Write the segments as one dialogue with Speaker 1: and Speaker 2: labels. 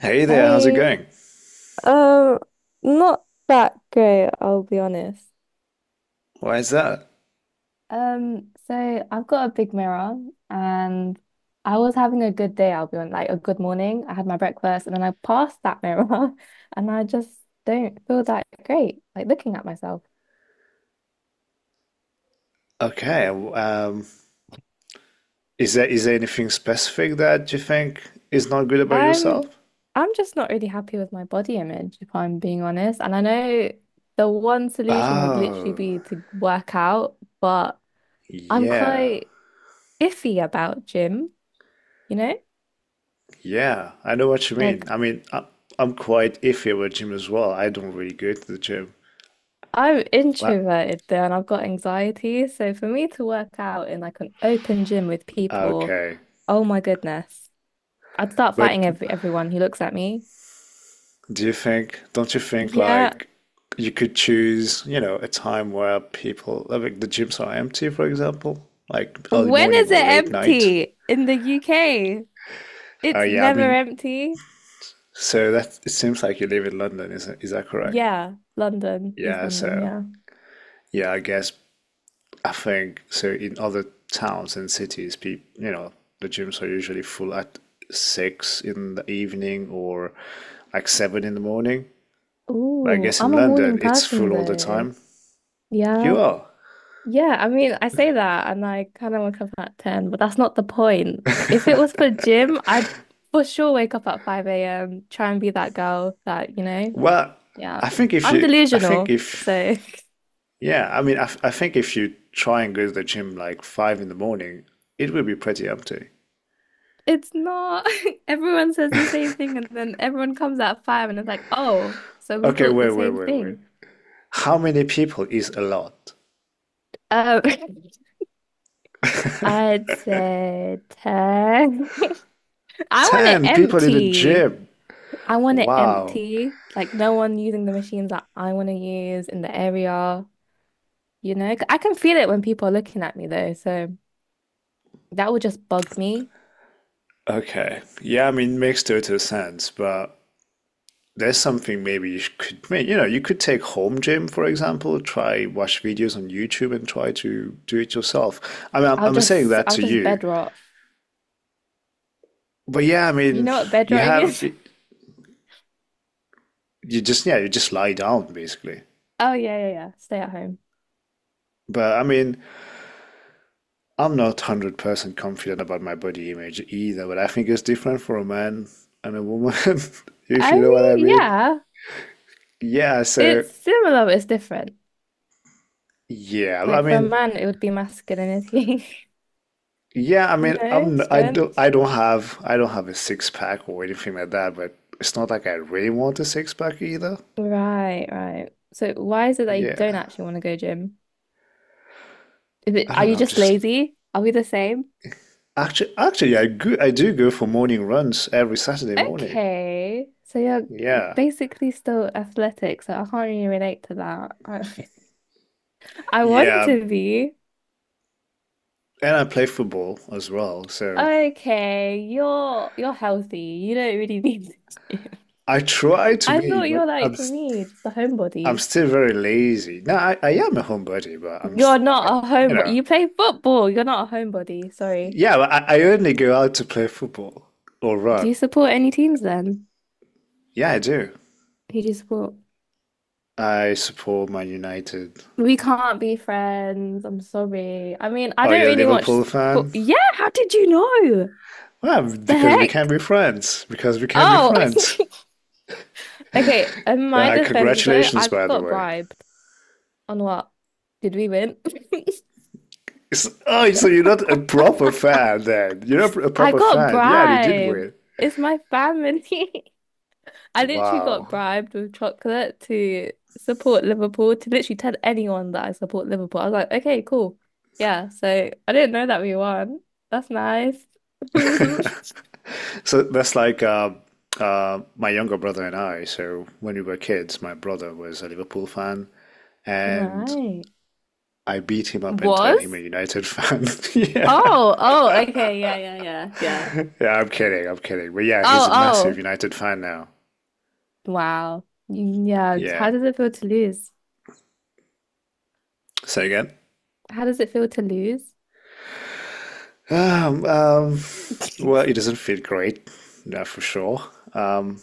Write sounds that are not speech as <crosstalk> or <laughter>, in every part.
Speaker 1: Hey there, how's it
Speaker 2: Hey,
Speaker 1: going?
Speaker 2: Um, not that great, I'll be honest.
Speaker 1: Why is that?
Speaker 2: So I've got a big mirror and I was having a good day, I'll be on like a good morning. I had my breakfast and then I passed that mirror <laughs> and I just don't feel that great, like looking at myself.
Speaker 1: Okay, is there anything specific that you think is not good about
Speaker 2: I'm
Speaker 1: yourself?
Speaker 2: I'm just not really happy with my body image, if I'm being honest. And I know the one solution would literally
Speaker 1: Oh,
Speaker 2: be to work out, but I'm
Speaker 1: yeah,
Speaker 2: quite iffy about gym, you know?
Speaker 1: yeah, I know what you mean.
Speaker 2: Like
Speaker 1: I'm quite iffy about gym as well. I don't really go to the gym.
Speaker 2: I'm
Speaker 1: But
Speaker 2: introverted though, and I've got anxiety. So for me to work out in like an open gym with people,
Speaker 1: okay,
Speaker 2: oh my goodness, I'd start fighting
Speaker 1: but
Speaker 2: everyone who looks at me.
Speaker 1: do you think, don't you think
Speaker 2: Yeah.
Speaker 1: like you could choose, you know, a time where people, like the gyms are empty, for example, like early
Speaker 2: When
Speaker 1: morning
Speaker 2: is it
Speaker 1: or late night?
Speaker 2: empty in the UK?
Speaker 1: Oh
Speaker 2: It's
Speaker 1: yeah, I
Speaker 2: never
Speaker 1: mean,
Speaker 2: empty.
Speaker 1: so that it seems like you live in London, is that correct?
Speaker 2: Yeah, London, East
Speaker 1: Yeah,
Speaker 2: London,
Speaker 1: so
Speaker 2: yeah.
Speaker 1: yeah, I guess I think so in other towns and cities, people, you know, the gyms are usually full at 6 in the evening or like 7 in the morning. But I
Speaker 2: Ooh,
Speaker 1: guess in
Speaker 2: I'm a
Speaker 1: London,
Speaker 2: morning
Speaker 1: it's
Speaker 2: person
Speaker 1: full all the
Speaker 2: though.
Speaker 1: time. You
Speaker 2: Yeah.
Speaker 1: are.
Speaker 2: Yeah, I mean, I say that and I kind of wake up at 10, but that's not the point. If it was for gym, I'd for sure wake up at 5 a.m., try and be that girl that, you know,
Speaker 1: Well,
Speaker 2: yeah.
Speaker 1: I think if
Speaker 2: I'm
Speaker 1: you, I think
Speaker 2: delusional, so
Speaker 1: if, yeah, I think if you try and go to the gym like 5 in the morning, it will be pretty empty.
Speaker 2: <laughs> it's not <laughs> everyone says the same thing and then everyone comes at 5 and it's like, "Oh, so we
Speaker 1: Okay,
Speaker 2: thought
Speaker 1: wait,
Speaker 2: the
Speaker 1: wait,
Speaker 2: same
Speaker 1: wait, wait.
Speaker 2: thing."
Speaker 1: How many people is a lot?
Speaker 2: Um, <laughs> I'd say 10. <laughs> I want it
Speaker 1: 10 people in the
Speaker 2: empty.
Speaker 1: gym.
Speaker 2: I want it
Speaker 1: Wow.
Speaker 2: empty, like no one using the machines that I want to use in the area, you know? 'Cause I can feel it when people are looking at me though, so that would just bug me.
Speaker 1: Okay. Yeah, I mean, makes total sense, but there's something maybe you could make. You know, you could take home gym, for example, try watch videos on YouTube and try to do it yourself. I mean,
Speaker 2: I'll
Speaker 1: I'm saying
Speaker 2: just
Speaker 1: that
Speaker 2: I'll
Speaker 1: to
Speaker 2: just
Speaker 1: you.
Speaker 2: bed rot.
Speaker 1: But yeah, I
Speaker 2: You
Speaker 1: mean,
Speaker 2: know what bed
Speaker 1: you
Speaker 2: rotting
Speaker 1: have,
Speaker 2: is? <laughs>
Speaker 1: you just, yeah, you just lie down basically.
Speaker 2: Oh yeah, yeah, yeah. Stay at home.
Speaker 1: But I mean, I'm not 100% confident about my body image either, but I think it's different for a man and a woman, <laughs> if
Speaker 2: I
Speaker 1: you know what I
Speaker 2: mean,
Speaker 1: mean.
Speaker 2: yeah,
Speaker 1: Yeah, so
Speaker 2: it's similar, but it's different.
Speaker 1: yeah, I
Speaker 2: Like for a
Speaker 1: mean,
Speaker 2: man, it would be masculinity,
Speaker 1: yeah, I
Speaker 2: <laughs>
Speaker 1: mean, I'm
Speaker 2: strength.
Speaker 1: I don't have a six pack or anything like that, but it's not like I really want a six pack either.
Speaker 2: Right, right. So why is it that you don't
Speaker 1: Yeah.
Speaker 2: actually want to go gym? Is it,
Speaker 1: I
Speaker 2: are
Speaker 1: don't know,
Speaker 2: you
Speaker 1: I'm
Speaker 2: just
Speaker 1: just
Speaker 2: lazy? Are we the same?
Speaker 1: actually I do go for morning runs every Saturday morning.
Speaker 2: Okay. So you're
Speaker 1: Yeah.
Speaker 2: basically still athletic, so I can't really relate to that. <laughs> I want
Speaker 1: Yeah,
Speaker 2: to be.
Speaker 1: and I play football as well, so
Speaker 2: Okay, you're healthy. You don't really <laughs> need to gym.
Speaker 1: I try
Speaker 2: <laughs>
Speaker 1: to
Speaker 2: I
Speaker 1: be,
Speaker 2: thought
Speaker 1: but
Speaker 2: you're like me, just a
Speaker 1: I'm
Speaker 2: homebody.
Speaker 1: still very lazy. No, I am a homebody, but I'm, s-
Speaker 2: You're
Speaker 1: I,
Speaker 2: not a
Speaker 1: you
Speaker 2: homebody.
Speaker 1: know,
Speaker 2: You play football. You're not a homebody. Sorry.
Speaker 1: yeah, but I only go out to play football or
Speaker 2: Do
Speaker 1: run.
Speaker 2: you support any teams then?
Speaker 1: Yeah, I do.
Speaker 2: Who do you support?
Speaker 1: I support Man United.
Speaker 2: We can't be friends. I'm sorry. I mean, I
Speaker 1: Oh, you
Speaker 2: don't
Speaker 1: are a
Speaker 2: really watch
Speaker 1: Liverpool
Speaker 2: football.
Speaker 1: fan?
Speaker 2: Yeah, how did you know?
Speaker 1: Well,
Speaker 2: The
Speaker 1: because we can
Speaker 2: heck?
Speaker 1: be friends. Because we can be
Speaker 2: Oh, <laughs>
Speaker 1: friends.
Speaker 2: okay, in my defense though,
Speaker 1: Congratulations,
Speaker 2: I
Speaker 1: by the
Speaker 2: got
Speaker 1: way.
Speaker 2: bribed. On what? Did we win?
Speaker 1: Oh, so you're not a proper fan then. You're not a
Speaker 2: <laughs> I
Speaker 1: proper
Speaker 2: got
Speaker 1: fan. Yeah, they did
Speaker 2: bribed.
Speaker 1: win.
Speaker 2: It's my family. <laughs> I literally
Speaker 1: Wow.
Speaker 2: got bribed with chocolate to support Liverpool, to literally tell anyone that I support Liverpool. I was like, okay, cool. Yeah, so I didn't know that we won. That's nice. <laughs>
Speaker 1: So that's like my younger brother and I. So when we were kids, my brother was a Liverpool fan, and
Speaker 2: Right.
Speaker 1: I beat him up and turned him a
Speaker 2: Was?
Speaker 1: United fan. <laughs> yeah,
Speaker 2: Oh, oh, okay. Yeah, yeah, yeah, yeah.
Speaker 1: yeah, I'm kidding, I'm kidding. But yeah,
Speaker 2: Oh,
Speaker 1: he's a massive
Speaker 2: oh.
Speaker 1: United fan now.
Speaker 2: Wow. Yeah.
Speaker 1: Yeah.
Speaker 2: How does it feel to lose?
Speaker 1: Say again.
Speaker 2: How does it feel to lose?
Speaker 1: Um, um,
Speaker 2: <laughs>
Speaker 1: well, it doesn't feel great, that's for sure. Um,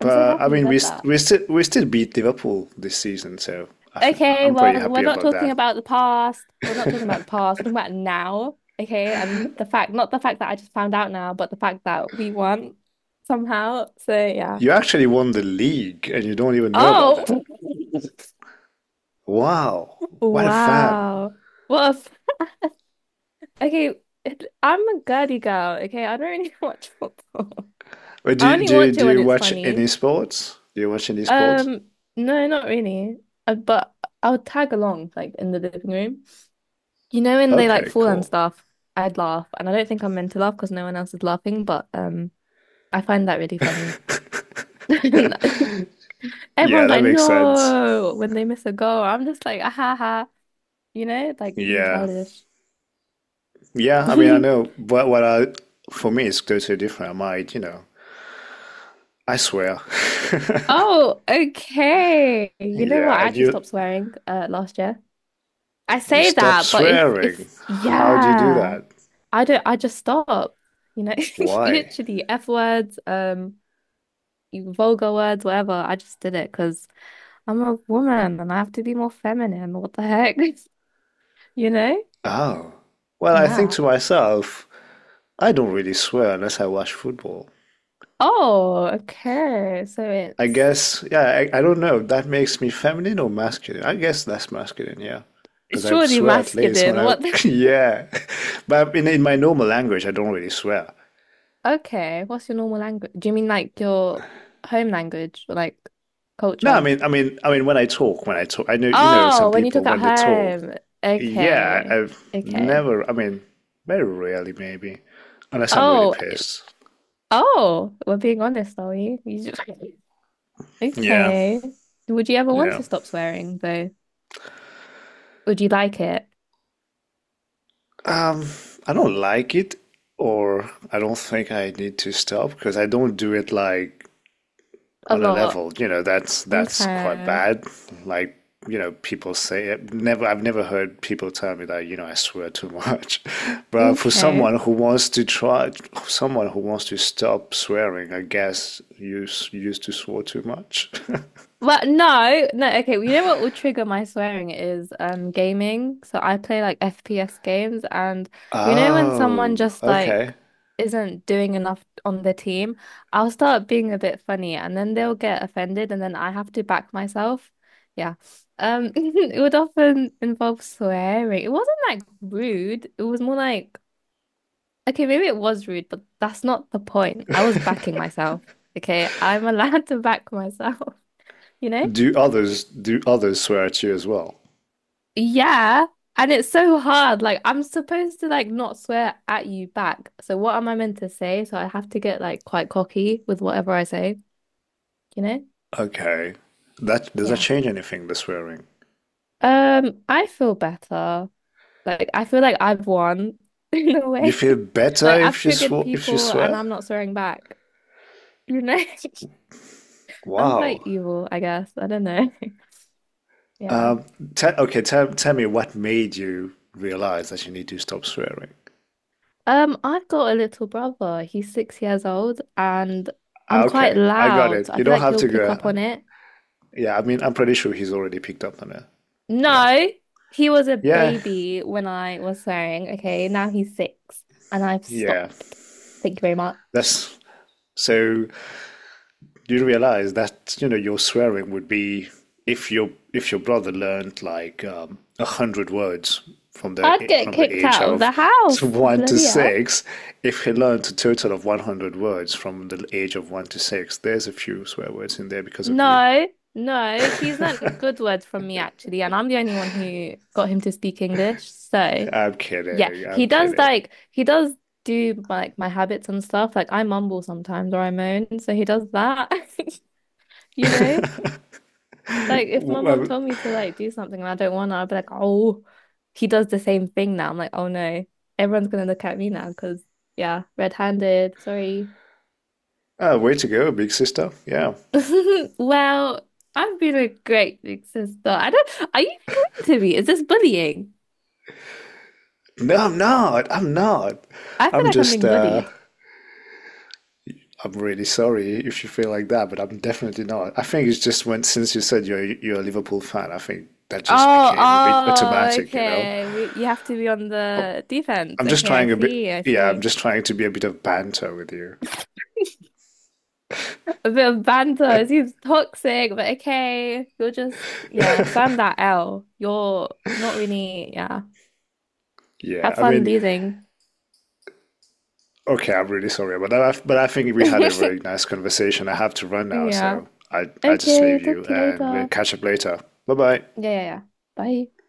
Speaker 2: I'm so
Speaker 1: but I
Speaker 2: happy you
Speaker 1: mean, we
Speaker 2: said
Speaker 1: st
Speaker 2: that.
Speaker 1: we still we still beat Liverpool this season, so I f
Speaker 2: Okay,
Speaker 1: I'm pretty
Speaker 2: well, we're
Speaker 1: happy
Speaker 2: not
Speaker 1: about
Speaker 2: talking
Speaker 1: that.
Speaker 2: about the past. We're not talking about the past. We're talking about now. Okay, and the fact, not the fact that I just found out now, but the fact that we won somehow. So yeah.
Speaker 1: You actually won the league, and you don't even know about
Speaker 2: Oh,
Speaker 1: that. Wow,
Speaker 2: <laughs>
Speaker 1: what a fan.
Speaker 2: wow. Well, okay, I'm a girly girl. Okay, I don't really <laughs> watch football.
Speaker 1: Wait,
Speaker 2: I
Speaker 1: do
Speaker 2: only
Speaker 1: do
Speaker 2: watch it
Speaker 1: do
Speaker 2: when
Speaker 1: you
Speaker 2: it's
Speaker 1: watch any
Speaker 2: funny.
Speaker 1: sports? Do you watch any sports?
Speaker 2: Um, no, not really. But I'll tag along, like in the living room. You know when they like
Speaker 1: Okay,
Speaker 2: fall and
Speaker 1: cool.
Speaker 2: stuff, I'd laugh, and I don't think I'm meant to laugh because no one else is laughing, but I find that really funny. <laughs>
Speaker 1: Yeah,
Speaker 2: Everyone's
Speaker 1: that
Speaker 2: like,
Speaker 1: makes sense.
Speaker 2: no, when they miss a goal, I'm just like, ah, ha, ha, you know, like really
Speaker 1: Yeah.
Speaker 2: childish.
Speaker 1: Yeah, I mean, I
Speaker 2: <laughs>
Speaker 1: know, but for me, it's totally different. I might, you know, I swear. <laughs>
Speaker 2: Oh, okay. You know what?
Speaker 1: Yeah,
Speaker 2: I
Speaker 1: and
Speaker 2: actually
Speaker 1: you,
Speaker 2: stopped swearing last year. I
Speaker 1: you
Speaker 2: say
Speaker 1: stop
Speaker 2: that, but
Speaker 1: swearing.
Speaker 2: if
Speaker 1: How do you do
Speaker 2: yeah,
Speaker 1: that?
Speaker 2: I don't. I just stopped. You know, <laughs>
Speaker 1: Why?
Speaker 2: literally F words, vulgar words, whatever. I just did it because. I'm a woman and I have to be more feminine. What the heck? <laughs> You know?
Speaker 1: Oh. Well, I think
Speaker 2: Yeah.
Speaker 1: to myself, I don't really swear unless I watch football.
Speaker 2: Oh, okay. So
Speaker 1: I
Speaker 2: it's
Speaker 1: guess, yeah, I don't know. That makes me feminine or masculine? I guess that's masculine, yeah.
Speaker 2: it's
Speaker 1: Because I
Speaker 2: surely
Speaker 1: swear at least
Speaker 2: masculine. <laughs> What the...
Speaker 1: <laughs> yeah. <laughs> But in my normal language, I don't really swear.
Speaker 2: Okay. What's your normal language? Do you mean like your home language or like
Speaker 1: No,
Speaker 2: culture?
Speaker 1: I mean, when I talk, I know, you know, some
Speaker 2: Oh, when you
Speaker 1: people
Speaker 2: talk at
Speaker 1: when they talk,
Speaker 2: home.
Speaker 1: yeah,
Speaker 2: Okay.
Speaker 1: I've
Speaker 2: Okay.
Speaker 1: never, I mean, very rarely maybe, unless I'm really
Speaker 2: Oh,
Speaker 1: pissed.
Speaker 2: oh, we're being honest, are we? You just... <laughs>
Speaker 1: Yeah,
Speaker 2: Okay. Would you ever want
Speaker 1: yeah.
Speaker 2: to stop swearing though? Would you like it?
Speaker 1: Um, I don't like it, or I don't think I need to stop because I don't do it like
Speaker 2: A
Speaker 1: on a
Speaker 2: lot.
Speaker 1: level, you know, that's quite
Speaker 2: Okay.
Speaker 1: bad. Like, you know, people say it. Never, I've never heard people tell me that, you know, I swear too much. <laughs> But for
Speaker 2: Okay.
Speaker 1: someone who wants to try, someone who wants to stop swearing, I guess you used to swear too much. <laughs>
Speaker 2: Well, no, no, okay. Well, you know what will trigger my swearing is gaming. So I play like FPS games and you know when someone
Speaker 1: Oh,
Speaker 2: just like
Speaker 1: okay.
Speaker 2: isn't doing enough on the team, I'll start being a bit funny and then they'll get offended and then I have to back myself. Yeah. <laughs> It would often involve swearing. It wasn't like rude. It was more like okay, maybe it was rude, but that's not the point. I was backing myself. Okay, I'm allowed <laughs> to back myself, you know?
Speaker 1: Do others swear at you as well?
Speaker 2: Yeah. And it's so hard. Like I'm supposed to like not swear at you back. So what am I meant to say? So I have to get like quite cocky with whatever I say, you know?
Speaker 1: Okay. That does that
Speaker 2: Yeah.
Speaker 1: change anything, the swearing?
Speaker 2: I feel better. Like I feel like I've won <laughs> in a
Speaker 1: You
Speaker 2: way. <laughs>
Speaker 1: feel better
Speaker 2: Like I've
Speaker 1: if you
Speaker 2: triggered
Speaker 1: sw if you
Speaker 2: people and
Speaker 1: swear?
Speaker 2: I'm not swearing back, you know? <laughs> I'm quite
Speaker 1: Wow.
Speaker 2: evil, I guess. I don't know. <laughs> Yeah.
Speaker 1: Um, te okay, tell me what made you realize that you need to stop swearing.
Speaker 2: I've got a little brother. He's 6 years old and I'm
Speaker 1: Ah,
Speaker 2: quite
Speaker 1: okay, I got
Speaker 2: loud.
Speaker 1: it.
Speaker 2: I
Speaker 1: You
Speaker 2: feel
Speaker 1: don't
Speaker 2: like
Speaker 1: have
Speaker 2: he'll
Speaker 1: to
Speaker 2: pick up
Speaker 1: go.
Speaker 2: on it.
Speaker 1: Yeah, I mean, I'm pretty sure he's already picked up on it. Yeah,
Speaker 2: No, he was a
Speaker 1: yeah,
Speaker 2: baby when I was swearing. Okay, now he's six and I've
Speaker 1: yeah.
Speaker 2: stopped. Thank you very much.
Speaker 1: That's so. You realize that, you know, your swearing would be if your brother learned like 100 words
Speaker 2: I'd get
Speaker 1: from the
Speaker 2: kicked
Speaker 1: age
Speaker 2: out of
Speaker 1: of
Speaker 2: the house.
Speaker 1: one to
Speaker 2: Bloody hell.
Speaker 1: six, if he learned a total of 100 words from the age of one to six, there's a few swear words in there because of you.
Speaker 2: No, no, he's learned good words from me actually, and I'm the only one who got him to speak English. So,
Speaker 1: I'm
Speaker 2: yeah,
Speaker 1: kidding. I'm kidding.
Speaker 2: he does do like my habits and stuff. Like I mumble sometimes or I moan, so he does that, <laughs> you know? Like if my mom
Speaker 1: Well,
Speaker 2: told me to like do something and I don't want to, I'd be like, oh, he does the same thing now. I'm like, oh no, everyone's gonna look at me now because yeah, red-handed. Sorry.
Speaker 1: way to go, big sister. Yeah.
Speaker 2: <laughs> Well, I've been a great big sister. I don't. Are you mean to me? Is this bullying?
Speaker 1: No, I'm not. I'm not.
Speaker 2: I feel
Speaker 1: I'm
Speaker 2: like I'm
Speaker 1: just
Speaker 2: being bullied.
Speaker 1: I'm really sorry if you feel like that, but I'm definitely not. I think it's just when since you said you're a Liverpool fan, I think that just
Speaker 2: Oh,
Speaker 1: became a bit
Speaker 2: oh,
Speaker 1: automatic, you know?
Speaker 2: okay. We you have to be on the defense.
Speaker 1: I'm just
Speaker 2: Okay, I
Speaker 1: trying a bit,
Speaker 2: see. I
Speaker 1: yeah, I'm
Speaker 2: see.
Speaker 1: just trying to be a bit of banter with you.
Speaker 2: <laughs> A bit of banter. It seems toxic, but okay. You're just, yeah, firm that L. You're not really, yeah.
Speaker 1: Yeah,
Speaker 2: Have
Speaker 1: I
Speaker 2: fun
Speaker 1: mean,
Speaker 2: losing.
Speaker 1: okay, I'm really sorry about that, but I think we had a very
Speaker 2: <laughs>
Speaker 1: nice conversation. I have to run now,
Speaker 2: Yeah.
Speaker 1: so I just
Speaker 2: Okay,
Speaker 1: leave
Speaker 2: talk
Speaker 1: you
Speaker 2: to you
Speaker 1: and we'll
Speaker 2: later.
Speaker 1: catch up later. Bye bye.
Speaker 2: Yeah, yeah, yeah. Bye.